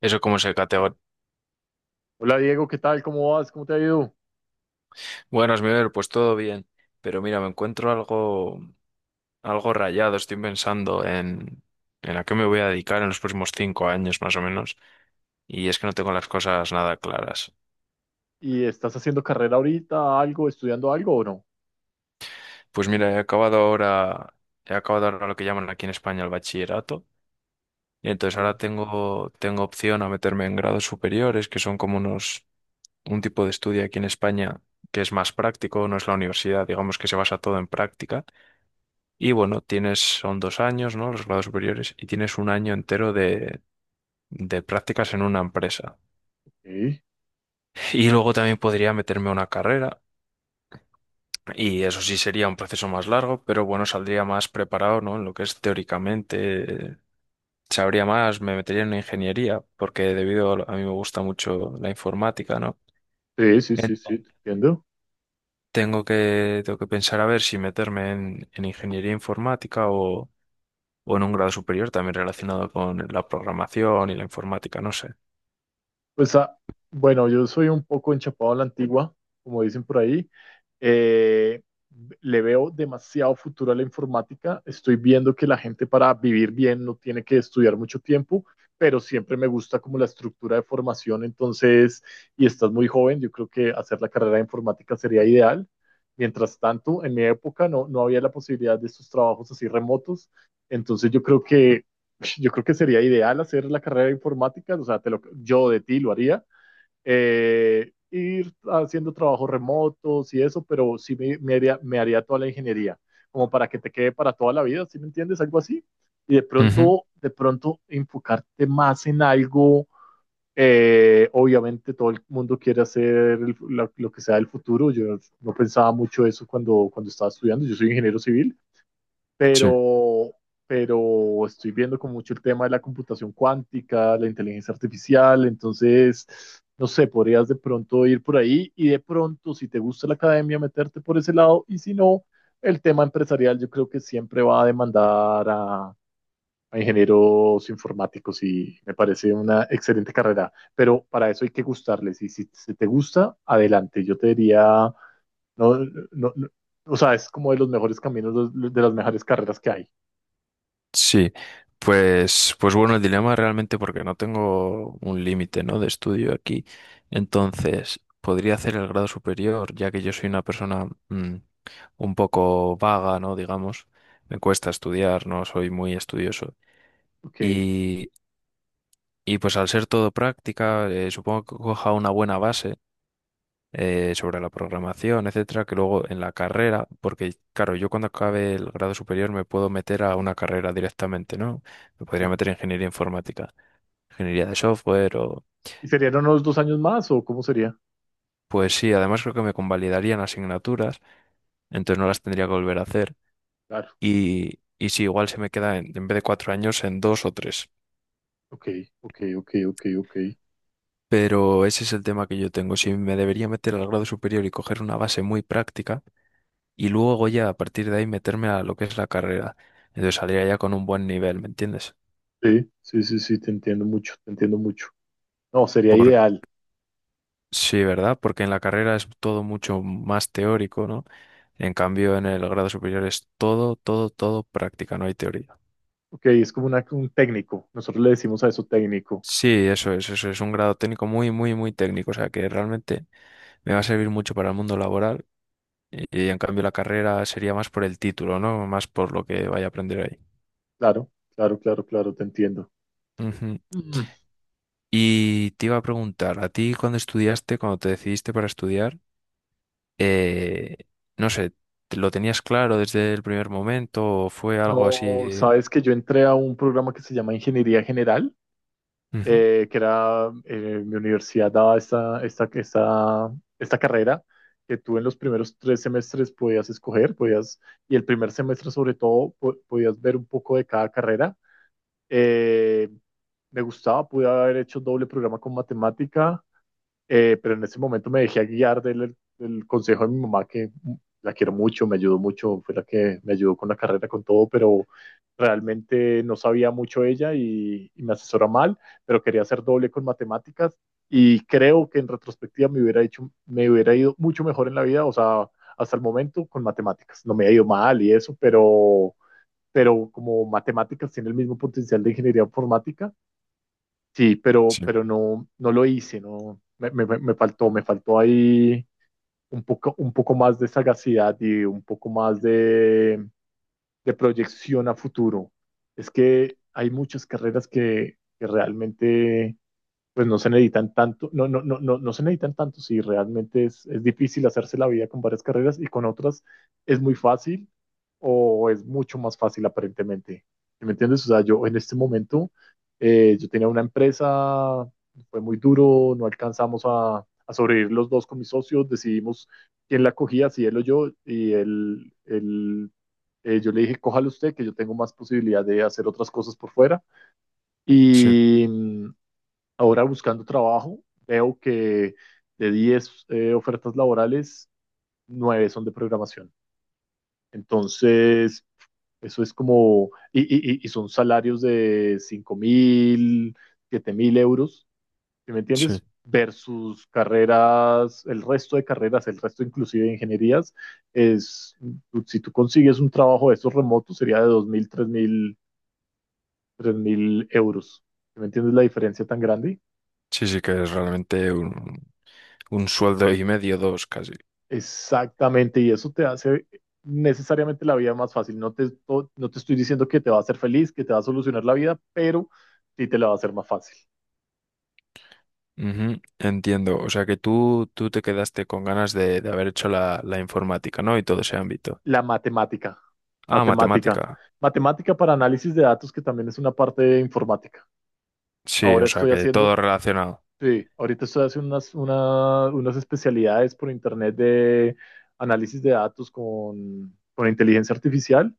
Eso como se categoriza. Hola Diego, ¿qué tal? ¿Cómo vas? ¿Cómo te ha ido? Bueno, Smiver, pues todo bien. Pero mira, me encuentro algo, algo rayado. Estoy pensando en a qué me voy a dedicar en los próximos 5 años, más o menos. Y es que no tengo las cosas nada claras. ¿Y estás haciendo carrera ahorita, algo, estudiando algo o no? Pues mira, he acabado ahora lo que llaman aquí en España el bachillerato. Y entonces ahora tengo opción a meterme en grados superiores, que son como unos, un tipo de estudio aquí en España que es más práctico, no es la universidad, digamos que se basa todo en práctica. Y bueno, tienes, son 2 años, ¿no? Los grados superiores, y tienes un año entero de prácticas en una empresa. Sí, Y luego también podría meterme a una carrera, y eso sí sería un proceso más largo, pero bueno, saldría más preparado, ¿no? En lo que es teóricamente, sabría más, me metería en una ingeniería, porque debido a, a mí me gusta mucho la informática, ¿no? sí, sí, sí, sí, Entonces, te entiendo. Tengo que pensar a ver si meterme en ingeniería informática o en un grado superior también relacionado con la programación y la informática, no sé. Pues ah, bueno, yo soy un poco enchapado a la antigua, como dicen por ahí. Eh, Le veo demasiado futuro a la informática. Estoy viendo que la gente para vivir bien no tiene que estudiar mucho tiempo, pero siempre me gusta como la estructura de formación. Entonces, y estás muy joven, yo creo que hacer la carrera de informática sería ideal. Mientras tanto, en mi época no, no había la posibilidad de estos trabajos así remotos. Entonces, yo creo que sería ideal hacer la carrera de informática. O sea, yo de ti lo haría, ir haciendo trabajos remotos y eso, pero sí me haría toda la ingeniería, como para que te quede para toda la vida, ¿sí me entiendes? Algo así. Y de Ujú. pronto, de pronto enfocarte más en algo. Obviamente todo el mundo quiere hacer lo que sea el futuro. Yo no pensaba mucho eso cuando estaba estudiando. Yo soy ingeniero civil, Sí, pero, pero estoy viendo con mucho el tema de la computación cuántica, la inteligencia artificial. Entonces, no sé, podrías de pronto ir por ahí y de pronto, si te gusta la academia, meterte por ese lado, y si no, el tema empresarial yo creo que siempre va a demandar a ingenieros informáticos, y me parece una excelente carrera, pero para eso hay que gustarles, y si te gusta, adelante, yo te diría no, no, no. O sea, es como de los mejores caminos, de las mejores carreras que hay. sí. Pues, pues bueno, el dilema realmente porque no tengo un límite, ¿no? De estudio aquí. Entonces, podría hacer el grado superior, ya que yo soy una persona un poco vaga, ¿no? Digamos, me cuesta estudiar, no soy muy estudioso. Ok. Y, y pues al ser todo práctica, supongo que coja una buena base. Sobre la programación, etcétera, que luego en la carrera, porque claro, yo cuando acabe el grado superior me puedo meter a una carrera directamente, ¿no? Me podría Ok. meter en ingeniería informática, ingeniería de software o... ¿Y serían unos 2 años más o cómo sería? Pues sí, además creo que me convalidarían asignaturas, entonces no las tendría que volver a hacer. Claro. Y sí, igual se me queda en vez de 4 años en dos o tres. Ok, ok, ok, ok, ok. Pero ese es el tema que yo tengo. Si me debería meter al grado superior y coger una base muy práctica, y luego ya a partir de ahí meterme a lo que es la carrera. Entonces saldría ya con un buen nivel, ¿me entiendes? Sí, sí, sí, sí, te entiendo mucho, te entiendo mucho. No, sería Por, ideal. sí, ¿verdad? Porque en la carrera es todo mucho más teórico, ¿no? En cambio, en el grado superior es todo, todo, todo práctica, no hay teoría. Ok, es como un técnico. Nosotros le decimos a eso técnico. Sí, eso es un grado técnico muy, muy, muy técnico, o sea que realmente me va a servir mucho para el mundo laboral y, en cambio la carrera sería más por el título, ¿no? Más por lo que vaya a aprender ahí. Claro, claro, claro, claro, te entiendo. Ujú. Mm. Y te iba a preguntar, ¿a ti cuando estudiaste, cuando te decidiste para estudiar, eh, no sé, ¿lo tenías claro desde el primer momento o fue algo No, así? sabes que yo entré a un programa que se llama Ingeniería General, Ujú. Que era, mi universidad daba esta carrera, que tú en los primeros 3 semestres podías escoger, y el primer semestre sobre todo podías ver un poco de cada carrera. Eh, Me gustaba, pude haber hecho doble programa con matemática, pero en ese momento me dejé guiar del consejo de mi mamá, que la quiero mucho, me ayudó mucho, fue la que me ayudó con la carrera, con todo, pero realmente no sabía mucho ella, y me asesora mal, pero quería hacer doble con matemáticas y creo que en retrospectiva me hubiera ido mucho mejor en la vida, o sea, hasta el momento con matemáticas. No me ha ido mal y eso, pero como matemáticas tiene el mismo potencial de ingeniería informática. Sí, Sí, pero no, no lo hice, no, me faltó ahí un poco más de sagacidad y un poco más de, proyección a futuro. Es que hay muchas carreras que realmente pues no se necesitan tanto, no, no, no, no, no se necesitan tanto, si realmente es difícil hacerse la vida con varias carreras, y con otras es muy fácil, o es mucho más fácil aparentemente. ¿Sí? ¿Me entiendes? O sea, yo en este momento, yo tenía una empresa, fue muy duro, no alcanzamos a sobrevivir los dos con mis socios, decidimos quién la cogía, si él o yo, y él yo le dije, cójalo usted, que yo tengo más posibilidad de hacer otras cosas por fuera. sí, Y ahora buscando trabajo, veo que de 10, ofertas laborales, 9 son de programación. Entonces, eso es como, y son salarios de 5.000, 7.000 euros. ¿Sí? ¿Me sí, entiendes? Versus carreras, el resto de carreras, el resto inclusive de ingenierías, es, si tú consigues un trabajo de esos remotos, sería de 2.000, tres mil euros. ¿Sí? ¿Me entiendes la diferencia tan grande? sí, sí, que es realmente un sueldo y medio, dos casi. Exactamente, y eso te hace necesariamente la vida más fácil. No te, no no te estoy diciendo que te va a hacer feliz, que te va a solucionar la vida, pero sí te la va a hacer más fácil. Ujú, entiendo, o sea que tú te quedaste con ganas de haber hecho la informática, ¿no? Y todo ese ámbito. La matemática, Ah, matemática, matemática. matemática para análisis de datos, que también es una parte de informática. Sí, o Ahora sea estoy que todo haciendo, relacionado. sí, ahorita estoy haciendo unas, unas especialidades por internet de análisis de datos con inteligencia artificial,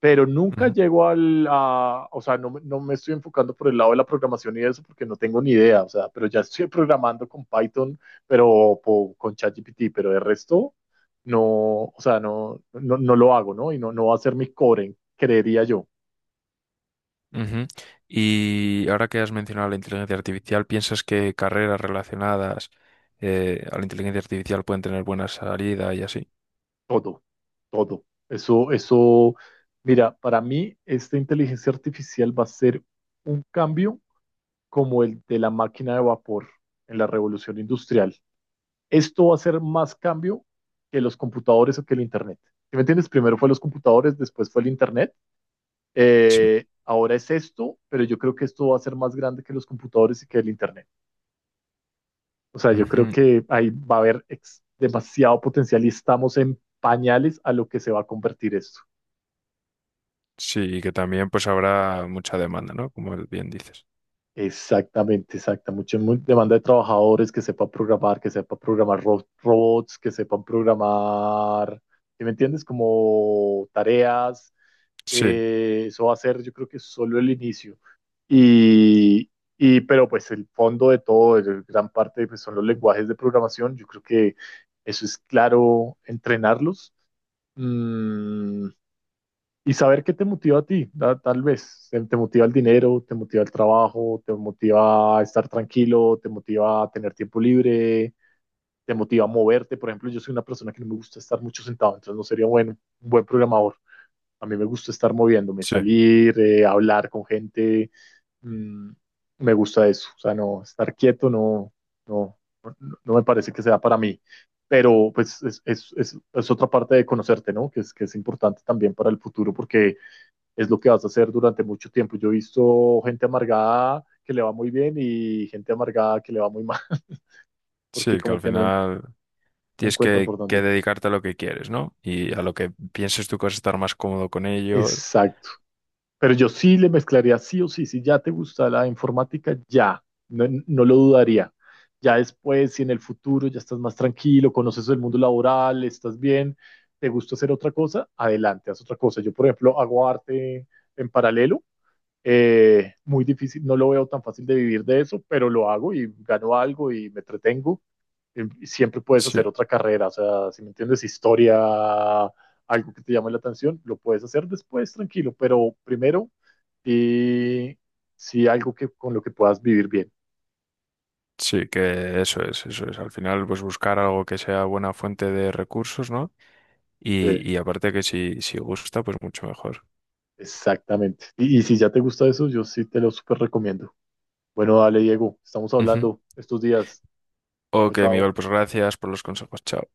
pero nunca llego al, a, o sea, no, no, me estoy enfocando por el lado de la programación y eso porque no tengo ni idea, o sea, pero ya estoy programando con Python, pero con ChatGPT, pero de resto no. O sea, no, no, no, lo hago, ¿no? Y no, no va a ser mi core, creería yo. Ujú. Y ahora que has mencionado la inteligencia artificial, ¿piensas que carreras relacionadas a la inteligencia artificial pueden tener buena salida y así? Todo, todo. Eso, mira, para mí esta inteligencia artificial va a ser un cambio como el de la máquina de vapor en la revolución industrial. Esto va a ser más cambio que los computadores o que el Internet. ¿Sí me entiendes? Primero fue los computadores, después fue el Internet. Sí. Ahora es esto, pero yo creo que esto va a ser más grande que los computadores y que el Internet. O sea, yo creo Ujú. que ahí va a haber demasiado potencial, y estamos en pañales a lo que se va a convertir esto. Sí, y que también pues habrá mucha demanda, ¿no? Como bien dices. Exactamente, exacta. Demanda de trabajadores que sepan programar robots, que sepan programar, ¿sí me entiendes? Como tareas. Sí, Eso va a ser, yo creo que solo el inicio. Y, pero pues el fondo de todo, gran parte pues, son los lenguajes de programación. Yo creo que eso es claro, entrenarlos. Mm, y saber qué te motiva a ti, tal vez. Te motiva el dinero, te motiva el trabajo, te motiva a estar tranquilo, te motiva a tener tiempo libre, te motiva a moverte. Por ejemplo, yo soy una persona que no me gusta estar mucho sentado, entonces no sería bueno un buen programador. A mí me gusta estar moviéndome, sí, salir, hablar con gente. mm, Me gusta eso. O sea, no, estar quieto no, no, no no me parece que sea para mí. Pero pues es otra parte de conocerte, ¿no? Que es importante también para el futuro, porque es lo que vas a hacer durante mucho tiempo. Yo he visto gente amargada que le va muy bien y gente amargada que le va muy mal, porque sí, que como al que no, final no tienes encuentran por que dónde. dedicarte a lo que quieres, ¿no? Y a lo que pienses tú que vas a estar más cómodo con ello. Exacto. Pero yo sí le mezclaría sí o sí. Si ya te gusta la informática, ya. No, no lo dudaría. Ya después, si en el futuro ya estás más tranquilo, conoces el mundo laboral, estás bien, te gusta hacer otra cosa, adelante, haz otra cosa. Yo, por ejemplo, hago arte en paralelo. Muy difícil, no lo veo tan fácil de vivir de eso, pero lo hago y gano algo y me entretengo. Y siempre puedes Sí, hacer otra carrera, o sea, si me entiendes, historia, algo que te llame la atención, lo puedes hacer después, tranquilo, pero primero, y sí algo que, con lo que puedas vivir bien. sí, que eso es, eso es. Al final pues buscar algo que sea buena fuente de recursos, ¿no? Eh, Y aparte que si, si gusta, pues mucho mejor. exactamente. Y si ya te gusta eso, yo sí te lo súper recomiendo. Bueno, dale, Diego, estamos Ujú. hablando estos días. Chao, Ok, chao. Miguel, pues gracias por los consejos. Chao.